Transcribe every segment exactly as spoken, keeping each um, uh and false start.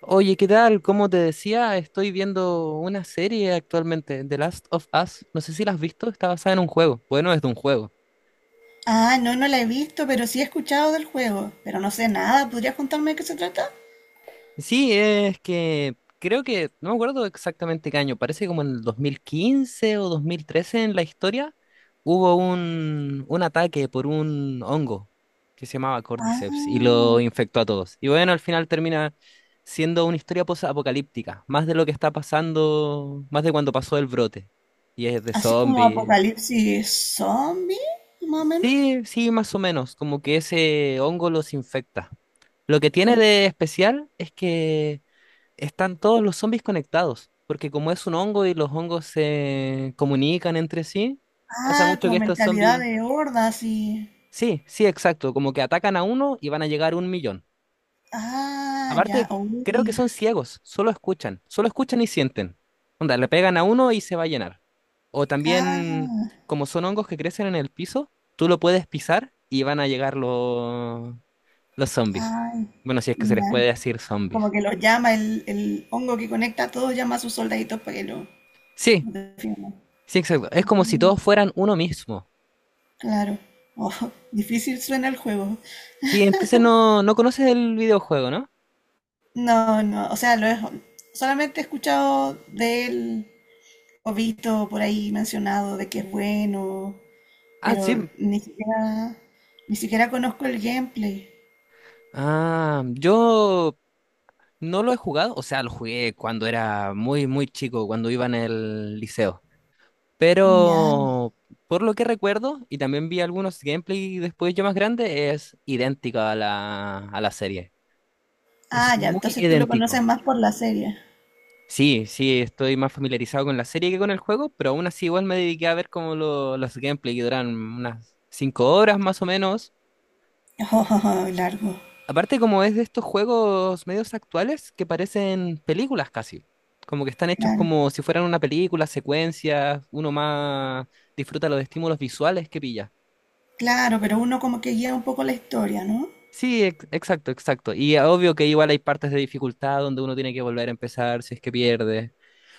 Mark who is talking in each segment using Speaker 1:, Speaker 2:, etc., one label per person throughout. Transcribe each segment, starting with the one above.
Speaker 1: Oye, ¿qué tal? Como te decía, estoy viendo una serie actualmente, The Last of Us. No sé si la has visto, está basada en un juego. Bueno, es de un juego.
Speaker 2: Ah, no, no la he visto, pero sí he escuchado del juego. Pero no sé nada. ¿Podrías contarme de qué se trata?
Speaker 1: Sí, es que creo que, no me acuerdo exactamente qué año, parece como en el dos mil quince o dos mil trece en la historia, hubo un, un ataque por un hongo que se llamaba Cordyceps y
Speaker 2: Ah,
Speaker 1: lo infectó a todos. Y bueno, al final termina siendo una historia post-apocalíptica, más de lo que está pasando, más de cuando pasó el brote. Y es de
Speaker 2: así como
Speaker 1: zombies.
Speaker 2: apocalipsis zombie, más o menos.
Speaker 1: Sí, sí, más o menos, como que ese hongo los infecta. Lo que tiene de especial es que están todos los zombies conectados, porque como es un hongo y los hongos se comunican entre sí, pasa
Speaker 2: Ah,
Speaker 1: mucho que
Speaker 2: como
Speaker 1: estos
Speaker 2: mentalidad
Speaker 1: zombies...
Speaker 2: de hordas y...
Speaker 1: Sí, sí, exacto, como que atacan a uno y van a llegar a un millón.
Speaker 2: Ah, ya,
Speaker 1: Aparte, creo que
Speaker 2: uy.
Speaker 1: son ciegos, solo escuchan, solo escuchan y sienten. Onda, le pegan a uno y se va a llenar. O también,
Speaker 2: Ah,
Speaker 1: como son hongos que crecen en el piso, tú lo puedes pisar y van a llegar los, los zombies.
Speaker 2: ay,
Speaker 1: Bueno, si es que se les
Speaker 2: ya.
Speaker 1: puede decir
Speaker 2: Como
Speaker 1: zombies.
Speaker 2: que los llama el, el hongo que conecta a todos, llama a sus soldaditos para que lo
Speaker 1: Sí,
Speaker 2: lo defiendan.
Speaker 1: sí, exacto. Es como si
Speaker 2: Mm,
Speaker 1: todos fueran uno mismo.
Speaker 2: claro. Oh, difícil suena el juego.
Speaker 1: Sí, entonces no, no conoces el videojuego, ¿no?
Speaker 2: No, no, o sea, lo he- solamente he escuchado de él o visto por ahí mencionado de que es bueno,
Speaker 1: Ah,
Speaker 2: pero
Speaker 1: sí.
Speaker 2: ni siquiera, ni siquiera conozco el gameplay.
Speaker 1: Ah, yo no lo he jugado, o sea, lo jugué cuando era muy, muy chico, cuando iba en el liceo.
Speaker 2: Ya.
Speaker 1: Pero por lo que recuerdo, y también vi algunos gameplay después yo más grande, es idéntico a la, a la serie. Es
Speaker 2: Ah, ya,
Speaker 1: muy
Speaker 2: entonces tú lo conoces
Speaker 1: idéntico.
Speaker 2: más por la serie.
Speaker 1: Sí, sí, estoy más familiarizado con la serie que con el juego, pero aún así igual me dediqué a ver como lo- los gameplay que duran unas cinco horas más o menos.
Speaker 2: Oh, largo.
Speaker 1: Aparte como es de estos juegos medios actuales que parecen películas casi. Como que están hechos
Speaker 2: Claro.
Speaker 1: como si fueran una película, secuencias, uno más disfruta los estímulos visuales que pilla.
Speaker 2: Claro, pero uno como que guía un poco la historia, ¿no?
Speaker 1: Sí, ex- exacto, exacto. Y obvio que igual hay partes de dificultad donde uno tiene que volver a empezar si es que pierde.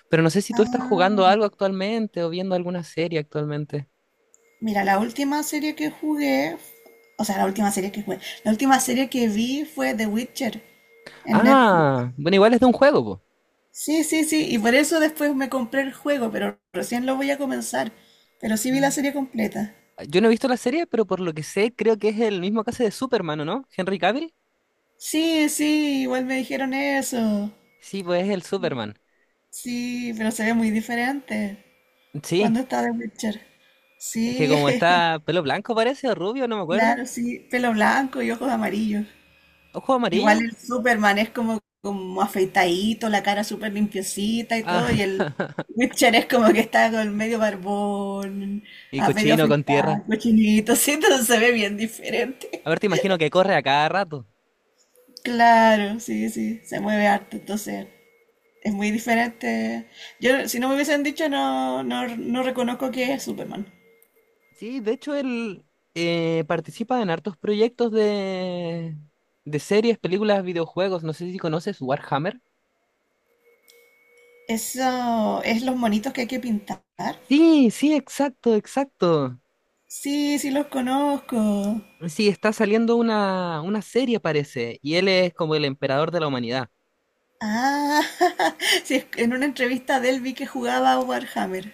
Speaker 1: Pero no sé si tú estás
Speaker 2: Ah,
Speaker 1: jugando algo actualmente o viendo alguna serie actualmente.
Speaker 2: mira, la última serie que jugué, o sea, la última serie que jugué, la última serie que vi fue The Witcher en Netflix.
Speaker 1: Ah, bueno, igual es de un juego, po.
Speaker 2: Sí, sí, sí, y por eso después me compré el juego, pero recién lo voy a comenzar. Pero sí vi la
Speaker 1: Mm.
Speaker 2: serie completa.
Speaker 1: Yo no he visto la serie, pero por lo que sé, creo que es el mismo caso de Superman, ¿o no? ¿Henry Cavill?
Speaker 2: Sí, sí, igual me dijeron eso.
Speaker 1: Sí, pues es el Superman.
Speaker 2: Sí, pero se ve muy diferente
Speaker 1: Sí,
Speaker 2: cuando está The Witcher.
Speaker 1: es que
Speaker 2: Sí,
Speaker 1: como está pelo blanco parece, o rubio, no me acuerdo.
Speaker 2: claro, sí, pelo blanco y ojos amarillos.
Speaker 1: Ojo
Speaker 2: Igual
Speaker 1: amarillo.
Speaker 2: el Superman es como, como afeitadito, la cara súper limpiecita y
Speaker 1: Ah,
Speaker 2: todo, y el Witcher es como que está con medio barbón,
Speaker 1: y
Speaker 2: a medio
Speaker 1: cochino con tierra.
Speaker 2: afeitado, cochinito, sí, entonces se ve bien diferente.
Speaker 1: A ver, te imagino que corre a cada rato.
Speaker 2: Claro, sí, sí, se mueve harto, entonces es muy diferente. Yo, si no me hubiesen dicho, no, no, no reconozco que es Superman.
Speaker 1: Sí, de hecho él eh, participa en hartos proyectos de, de series, películas, videojuegos. No sé si conoces Warhammer.
Speaker 2: Eso es los monitos que hay que pintar.
Speaker 1: Sí, sí, exacto, exacto.
Speaker 2: Sí, sí los conozco.
Speaker 1: Sí, está saliendo una, una serie, parece, y él es como el emperador de la humanidad.
Speaker 2: Ah, sí, es en una entrevista de él vi que jugaba a Warhammer,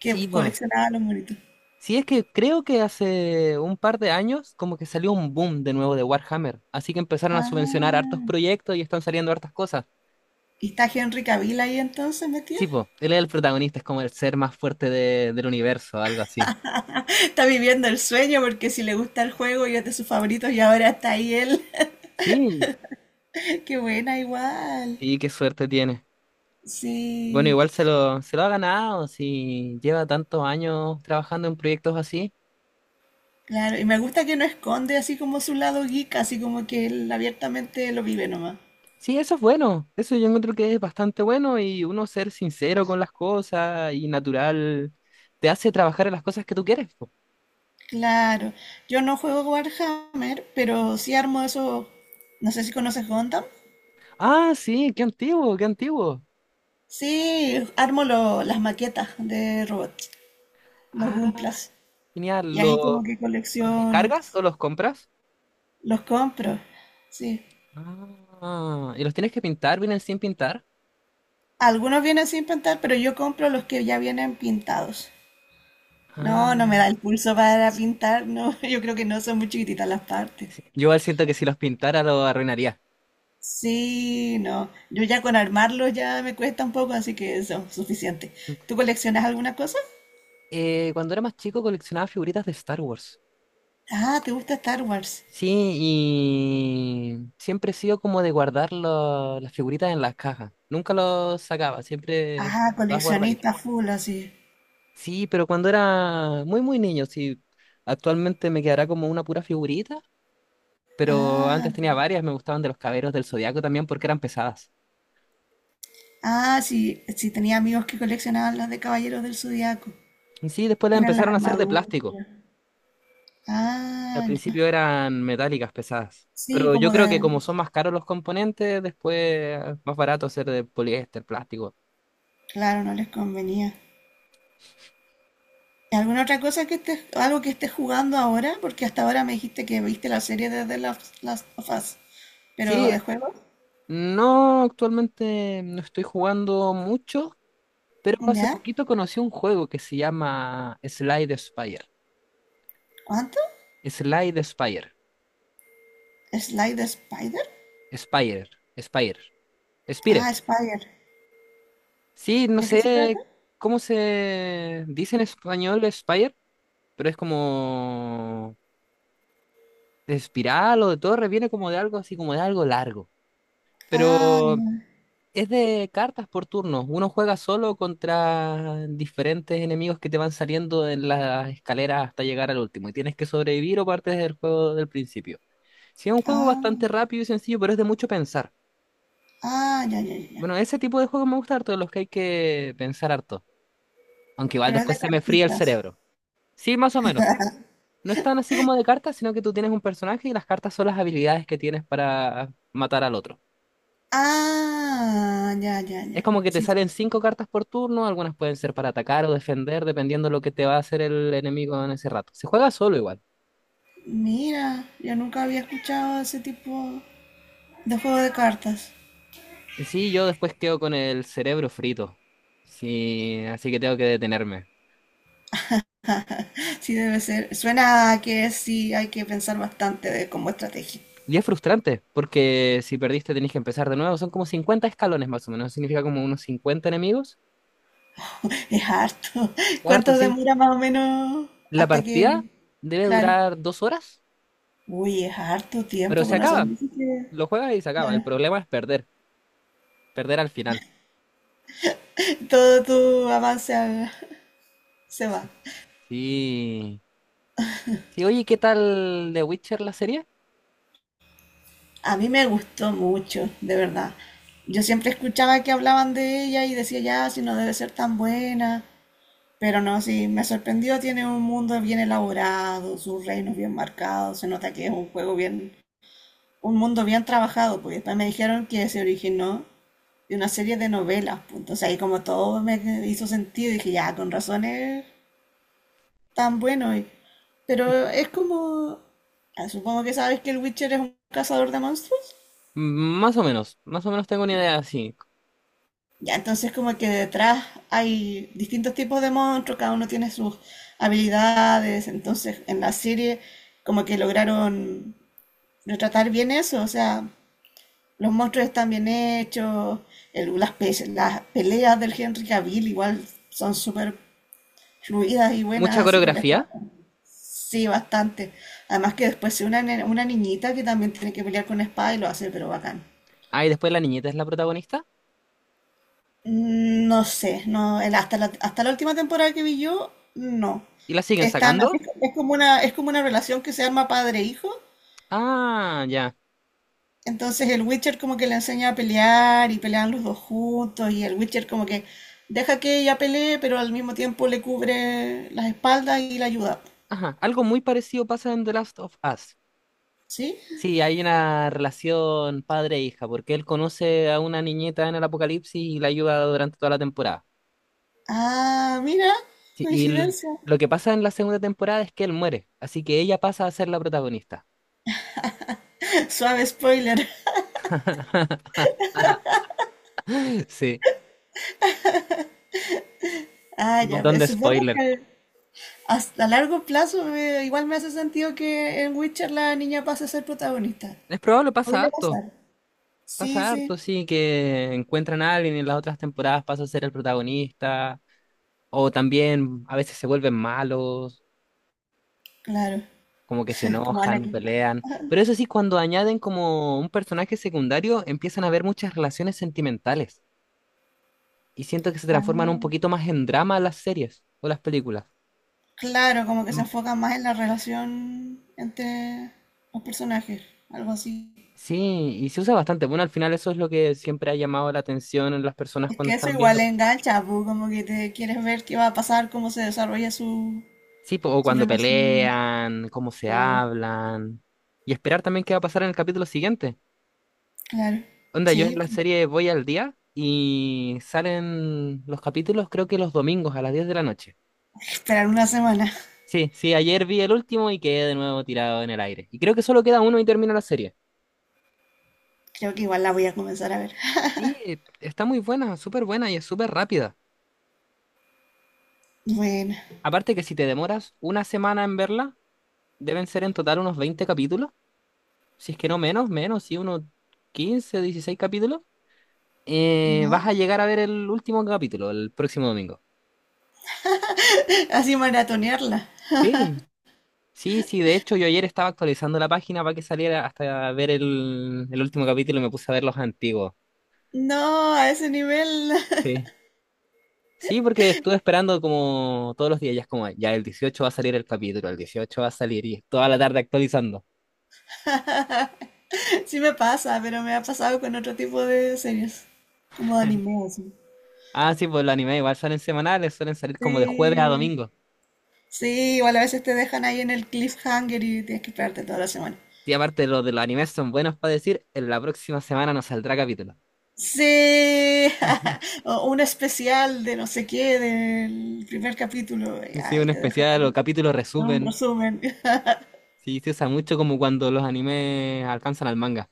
Speaker 2: que
Speaker 1: Sí, po.
Speaker 2: coleccionaba los monitos.
Speaker 1: Sí, es que creo que hace un par de años como que salió un boom de nuevo de Warhammer, así que empezaron a subvencionar hartos
Speaker 2: Ah,
Speaker 1: proyectos y están saliendo hartas cosas.
Speaker 2: ¿y está Henry Cavill ahí entonces metido?
Speaker 1: Sí, po, él es el protagonista, es como el ser más fuerte de- del universo, algo así.
Speaker 2: Está viviendo el sueño porque si le gusta el juego y es de sus favoritos y ahora está ahí él.
Speaker 1: Sí,
Speaker 2: Qué buena igual.
Speaker 1: sí, qué suerte tiene. Bueno,
Speaker 2: Sí.
Speaker 1: igual se lo, se lo ha ganado si lleva tantos años trabajando en proyectos así.
Speaker 2: Claro, y me gusta que no esconde así como su lado geek, así como que él abiertamente lo vive nomás.
Speaker 1: Sí, eso es bueno. Eso yo encuentro que es bastante bueno y uno ser sincero con las cosas y natural te hace trabajar en las cosas que tú quieres. Po.
Speaker 2: Claro, yo no juego Warhammer, pero sí armo eso, no sé si conoces Gundam.
Speaker 1: Ah, sí, qué antiguo, qué antiguo.
Speaker 2: Sí, armo lo- las maquetas de robots, los
Speaker 1: Ah,
Speaker 2: Gunplas.
Speaker 1: genial.
Speaker 2: Y ahí
Speaker 1: ¿Lo-
Speaker 2: como que
Speaker 1: ¿Los
Speaker 2: colecciono,
Speaker 1: descargas o los compras?
Speaker 2: los compro. Sí.
Speaker 1: Ah, ¿y los tienes que pintar? ¿Vienen sin pintar?
Speaker 2: Algunos vienen sin pintar, pero yo compro los que ya vienen pintados.
Speaker 1: Ah,
Speaker 2: No, no me da el pulso para pintar, no, yo creo que no, son muy chiquititas las partes.
Speaker 1: sí. Yo igual siento que si los pintara lo arruinaría.
Speaker 2: Sí, no, yo ya con armarlo ya me cuesta un poco, así que eso, suficiente. ¿Tú coleccionas alguna cosa?
Speaker 1: Eh, cuando era más chico coleccionaba figuritas de Star Wars.
Speaker 2: Ah, ¿te gusta Star Wars?
Speaker 1: Sí, y siempre he sido como de guardar lo- las figuritas en las cajas. Nunca los sacaba, siempre
Speaker 2: Ah,
Speaker 1: estaban todas
Speaker 2: coleccionista
Speaker 1: guardaditas.
Speaker 2: full, así.
Speaker 1: Sí, pero cuando era muy, muy niño, sí. Actualmente me quedará como una pura figurita, pero
Speaker 2: Ah,
Speaker 1: antes tenía varias, me gustaban de los caberos del Zodiaco también porque eran pesadas.
Speaker 2: ah, sí, sí, tenía amigos que coleccionaban las de Caballeros del Zodiaco.
Speaker 1: Sí, después las
Speaker 2: Tienen las
Speaker 1: empezaron a hacer de
Speaker 2: armaduras.
Speaker 1: plástico. Al
Speaker 2: Ah, ya.
Speaker 1: principio eran metálicas pesadas,
Speaker 2: Sí,
Speaker 1: pero yo
Speaker 2: como
Speaker 1: creo que como
Speaker 2: de...
Speaker 1: son más caros los componentes, después más barato hacer de poliéster, plástico.
Speaker 2: Claro, no les convenía. ¿Alguna otra cosa que estés, algo que estés jugando ahora? Porque hasta ahora me dijiste que viste la serie de The Last Last of Us. Pero de
Speaker 1: Sí,
Speaker 2: juego,
Speaker 1: no, actualmente no estoy jugando mucho, pero hace
Speaker 2: ¿ya?
Speaker 1: poquito conocí un juego que se llama Slide Spire.
Speaker 2: ¿Cuánto?
Speaker 1: Slide Spire.
Speaker 2: ¿Slide the Spider?
Speaker 1: Spire. Spire. Spire.
Speaker 2: Ah, Spider.
Speaker 1: Sí, no
Speaker 2: ¿De qué se trata?
Speaker 1: sé cómo se dice en español Spire, pero es como de espiral o de torre, viene como de algo así, como de algo largo.
Speaker 2: Ah,
Speaker 1: Pero
Speaker 2: ya.
Speaker 1: es de cartas por turnos. Uno juega solo contra diferentes enemigos que te van saliendo en las escaleras hasta llegar al último. Y tienes que sobrevivir o partes del juego del principio. Sí, es un juego
Speaker 2: Ah,
Speaker 1: bastante rápido y sencillo, pero es de mucho pensar.
Speaker 2: ah, ya, ya, ya, ya.
Speaker 1: Bueno, ese tipo de juegos me gusta harto, de los que hay que pensar harto. Aunque igual
Speaker 2: Pero es
Speaker 1: después
Speaker 2: de
Speaker 1: se me fría el
Speaker 2: cartitas.
Speaker 1: cerebro. Sí, más o menos. No es tan así como de cartas, sino que tú tienes un personaje y las cartas son las habilidades que tienes para matar al otro.
Speaker 2: Ah, ya, ya,
Speaker 1: Es
Speaker 2: ya.
Speaker 1: como que te
Speaker 2: Sí.
Speaker 1: salen cinco cartas por turno, algunas pueden ser para atacar o defender, dependiendo de lo que te va a hacer el enemigo en ese rato. Se juega solo igual.
Speaker 2: Mira, yo nunca había escuchado ese tipo de juego de cartas.
Speaker 1: Y sí, yo después quedo con el cerebro frito. Sí, así que tengo que detenerme.
Speaker 2: Sí, debe ser. Suena a que sí hay que pensar bastante de, como estrategia.
Speaker 1: Y es frustrante, porque si perdiste tenés que empezar de nuevo. Son como cincuenta escalones más o menos, significa como unos cincuenta enemigos.
Speaker 2: Es harto.
Speaker 1: Harto,
Speaker 2: ¿Cuánto
Speaker 1: sí.
Speaker 2: demora más o menos
Speaker 1: La
Speaker 2: hasta
Speaker 1: partida
Speaker 2: que...
Speaker 1: debe
Speaker 2: Claro.
Speaker 1: durar dos horas,
Speaker 2: Uy, es harto
Speaker 1: pero
Speaker 2: tiempo,
Speaker 1: se
Speaker 2: con
Speaker 1: acaba.
Speaker 2: razón. Dices que-
Speaker 1: Lo juegas y se acaba. El
Speaker 2: claro.
Speaker 1: problema es perder, perder al final.
Speaker 2: Todo tu avance a- se va.
Speaker 1: Sí. Sí. Sí, oye, ¿qué tal The Witcher la serie?
Speaker 2: A mí me gustó mucho, de verdad. Yo siempre escuchaba que hablaban de ella y decía, ya, si no debe ser tan buena. Pero no, sí, me sorprendió. Tiene un mundo bien elaborado, sus reinos bien marcados. Se nota que es un juego bien un mundo bien trabajado, porque después me dijeron que se originó de una serie de novelas, pues, entonces ahí como todo me hizo sentido, dije, ya, con razones tan bueno, y- pero es como, ah, supongo que sabes que el Witcher es un cazador de monstruos,
Speaker 1: Mm, más o menos, más o menos tengo una idea así.
Speaker 2: ya, entonces como que detrás hay distintos tipos de monstruos, cada uno tiene sus habilidades, entonces en la serie como que lograron retratar bien eso, o sea, los monstruos están bien hechos, el- las, pe- las peleas del Henry Cavill igual son súper fluidas y
Speaker 1: Mucha
Speaker 2: buenas, así con la espada.
Speaker 1: coreografía.
Speaker 2: Sí, bastante. Además que después se una, ne- una niñita que también tiene que pelear con espada y lo hace, pero bacán.
Speaker 1: Ah, y después la niñeta es la protagonista.
Speaker 2: Mm, no sé, no, el- hasta la, hasta la última temporada que vi yo, no.
Speaker 1: ¿Y la siguen
Speaker 2: Están así,
Speaker 1: sacando?
Speaker 2: es como una, es como una relación que se arma padre-hijo.
Speaker 1: Ah, ya.
Speaker 2: Entonces el Witcher como que le enseña a pelear y pelean los dos juntos y el Witcher como que deja que ella pelee, pero al mismo tiempo le cubre las espaldas y la ayuda.
Speaker 1: Ajá. Algo muy parecido pasa en The Last of Us.
Speaker 2: ¿Sí?
Speaker 1: Sí, hay una relación padre-hija, porque él conoce a una niñeta en el apocalipsis y la ayuda durante toda la temporada.
Speaker 2: Ah, mira,
Speaker 1: Sí, y l-
Speaker 2: coincidencia.
Speaker 1: lo que pasa en la segunda temporada es que él muere, así que ella pasa a ser la protagonista.
Speaker 2: Suave spoiler.
Speaker 1: Sí,
Speaker 2: Ah,
Speaker 1: un
Speaker 2: ya,
Speaker 1: montón
Speaker 2: me-
Speaker 1: de
Speaker 2: supongo
Speaker 1: spoiler.
Speaker 2: que hasta a largo plazo eh, igual me hace sentido que en Witcher la niña pase a ser protagonista.
Speaker 1: Es probable, pasa
Speaker 2: Podría
Speaker 1: harto.
Speaker 2: pasar. Sí,
Speaker 1: Pasa
Speaker 2: sí,
Speaker 1: harto, sí, que encuentran a alguien y en las otras temporadas pasa a ser el protagonista, o también a veces se vuelven malos,
Speaker 2: claro.
Speaker 1: como que se
Speaker 2: Como
Speaker 1: enojan,
Speaker 2: Anakin. Ah.
Speaker 1: pelean. Pero eso sí, cuando añaden como un personaje secundario, empiezan a haber muchas relaciones sentimentales y siento que se transforman un
Speaker 2: Ah.
Speaker 1: poquito más en drama las series o las películas.
Speaker 2: Claro, como que se
Speaker 1: Mm,
Speaker 2: enfoca más en la relación entre los personajes, algo así.
Speaker 1: sí, y se usa bastante. Bueno, al final eso es lo que siempre ha llamado la atención en las personas
Speaker 2: Es
Speaker 1: cuando
Speaker 2: que eso
Speaker 1: están viendo.
Speaker 2: igual engancha, pu, como que te quieres ver qué va a pasar, cómo se desarrolla su,
Speaker 1: Sí, po, o
Speaker 2: su
Speaker 1: cuando
Speaker 2: relación.
Speaker 1: pelean, cómo se
Speaker 2: Claro,
Speaker 1: hablan. Y esperar también qué va a pasar en el capítulo siguiente.
Speaker 2: claro.
Speaker 1: Onda, yo en
Speaker 2: Sí,
Speaker 1: la serie voy al día y salen los capítulos creo que los domingos a las diez de la noche.
Speaker 2: esperar una semana.
Speaker 1: Sí, sí, ayer vi el último y quedé de nuevo tirado en el aire. Y creo que solo queda uno y termina la serie.
Speaker 2: Creo que igual la voy a comenzar a ver.
Speaker 1: Sí, eh, está muy buena, súper buena y es súper rápida.
Speaker 2: Bueno,
Speaker 1: Aparte que si te demoras una semana en verla, deben ser en total unos veinte capítulos. Si es que no menos, menos, sí, unos quince dieciséis capítulos. Eh,
Speaker 2: ya.
Speaker 1: vas a llegar a ver el último capítulo, el próximo domingo.
Speaker 2: Así maratonearla.
Speaker 1: Sí, sí, sí. De hecho, yo ayer estaba actualizando la página para que saliera hasta ver el, el último capítulo y me puse a ver los antiguos.
Speaker 2: No, a ese nivel
Speaker 1: Sí. Sí, porque estuve esperando como todos los días, ya es como, ya el dieciocho va a salir el capítulo, el dieciocho va a salir y toda la tarde actualizando.
Speaker 2: sí me pasa, pero me ha pasado con otro tipo de series, como de anime, así.
Speaker 1: Ah, sí, pues los animes igual salen semanales, suelen salir como de jueves a
Speaker 2: Sí.
Speaker 1: domingo.
Speaker 2: Sí, igual a veces te dejan ahí en el cliffhanger y tienes que esperarte toda la semana.
Speaker 1: Y aparte los de los animes son buenos para decir, en la próxima semana nos saldrá capítulo.
Speaker 2: Sí, o un especial de no sé qué del primer capítulo, y
Speaker 1: Sí,
Speaker 2: ahí
Speaker 1: un
Speaker 2: te dejan
Speaker 1: especial o capítulo
Speaker 2: un
Speaker 1: resumen.
Speaker 2: resumen.
Speaker 1: Sí, se usa mucho como cuando los animes alcanzan al manga.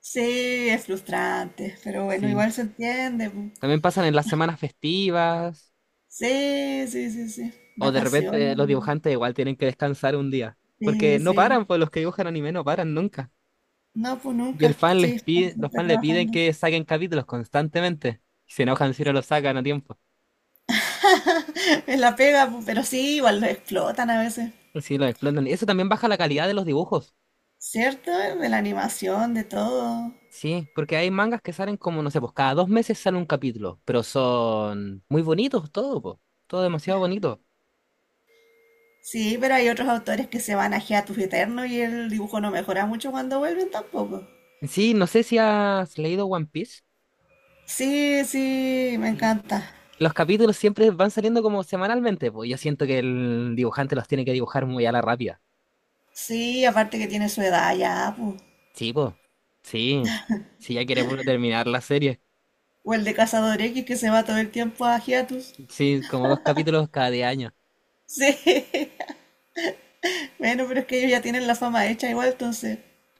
Speaker 2: Sí, es frustrante, pero bueno,
Speaker 1: Sí.
Speaker 2: igual se entiende. Pu.
Speaker 1: También pasan en las semanas festivas
Speaker 2: Sí, sí, sí, sí.
Speaker 1: o de
Speaker 2: Vacaciones.
Speaker 1: repente los
Speaker 2: Pu.
Speaker 1: dibujantes igual tienen que descansar un día.
Speaker 2: Sí,
Speaker 1: Porque no
Speaker 2: sí.
Speaker 1: paran, pues los que dibujan anime no paran nunca.
Speaker 2: No, pues
Speaker 1: Y el
Speaker 2: nunca.
Speaker 1: fan
Speaker 2: Sí,
Speaker 1: les
Speaker 2: están
Speaker 1: pide, los
Speaker 2: siempre
Speaker 1: fans le piden
Speaker 2: trabajando.
Speaker 1: que saquen capítulos constantemente. Y se enojan si no los sacan a tiempo.
Speaker 2: Es la pega, pu, pero sí, igual lo explotan a veces.
Speaker 1: Sí, los explotan. Y eso también baja la calidad de los dibujos.
Speaker 2: ¿Cierto? De la animación, de todo.
Speaker 1: Sí, porque hay mangas que salen como, no sé, pues cada dos meses sale un capítulo, pero son muy bonitos todo, pues, todo demasiado bonito.
Speaker 2: Sí, pero hay otros autores que se van a hiatus eterno y el dibujo no mejora mucho cuando vuelven tampoco.
Speaker 1: Sí, no sé si has leído One Piece.
Speaker 2: Sí, sí, me
Speaker 1: Sí.
Speaker 2: encanta.
Speaker 1: Los capítulos siempre van saliendo como semanalmente, pues yo siento que el dibujante los tiene que dibujar muy a la rápida.
Speaker 2: Sí, aparte que tiene su edad ya, pues.
Speaker 1: Sí, pues. Sí. Si ya quiere puro terminar la serie.
Speaker 2: O el de Cazador X que se va todo el tiempo a hiatus.
Speaker 1: Sí, como dos capítulos cada diez años.
Speaker 2: Sí, bueno, pero es que ellos ya tienen la fama hecha igual, entonces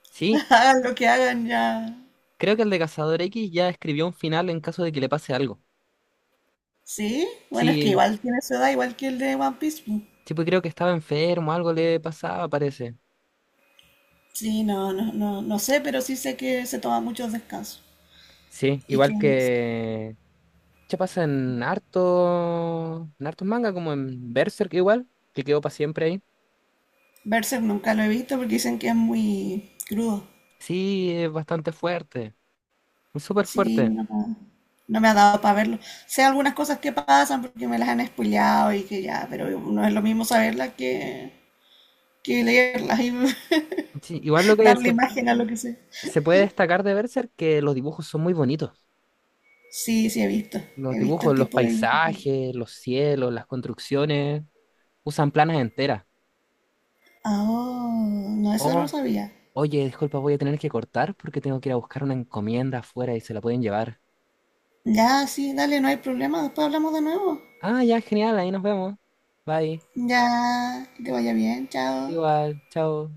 Speaker 1: Sí,
Speaker 2: hagan lo que hagan ya.
Speaker 1: creo que el de Cazador X ya escribió un final en caso de que le pase algo.
Speaker 2: Sí, bueno, es que
Speaker 1: Sí,
Speaker 2: igual tiene su edad, igual que el de One Piece. Pues.
Speaker 1: sí, pues creo que estaba enfermo, algo le pasaba, parece.
Speaker 2: Sí, no, no, no, no sé, pero sí sé que se toma muchos descansos.
Speaker 1: Sí,
Speaker 2: Y que
Speaker 1: igual que... ¿Qué pasa en harto... en hartos manga, como en Berserk igual, que quedó para siempre ahí.
Speaker 2: Berserk nunca lo he visto porque dicen que es muy crudo.
Speaker 1: Sí, es bastante fuerte, es súper
Speaker 2: Sí,
Speaker 1: fuerte.
Speaker 2: no, no me ha dado para verlo. Sé algunas cosas que pasan porque me las han spoileado y que ya, pero no es lo mismo saberlas que, que leerlas y
Speaker 1: Sí, igual lo que
Speaker 2: darle
Speaker 1: se,
Speaker 2: imagen a lo que sé.
Speaker 1: se puede destacar de Berserk que los dibujos son muy bonitos.
Speaker 2: Sí, sí, he visto.
Speaker 1: Los
Speaker 2: He visto el
Speaker 1: dibujos, los
Speaker 2: tipo de...
Speaker 1: paisajes, los cielos, las construcciones, usan planas enteras.
Speaker 2: Ah, oh, no, eso no lo
Speaker 1: Oh,
Speaker 2: sabía.
Speaker 1: oye, disculpa, voy a tener que cortar porque tengo que ir a buscar una encomienda afuera y se la pueden llevar.
Speaker 2: Ya, sí, dale, no hay problema. Después hablamos de nuevo.
Speaker 1: Ah, ya, genial, ahí nos vemos. Bye.
Speaker 2: Ya, que te vaya bien, chao.
Speaker 1: Igual, chao.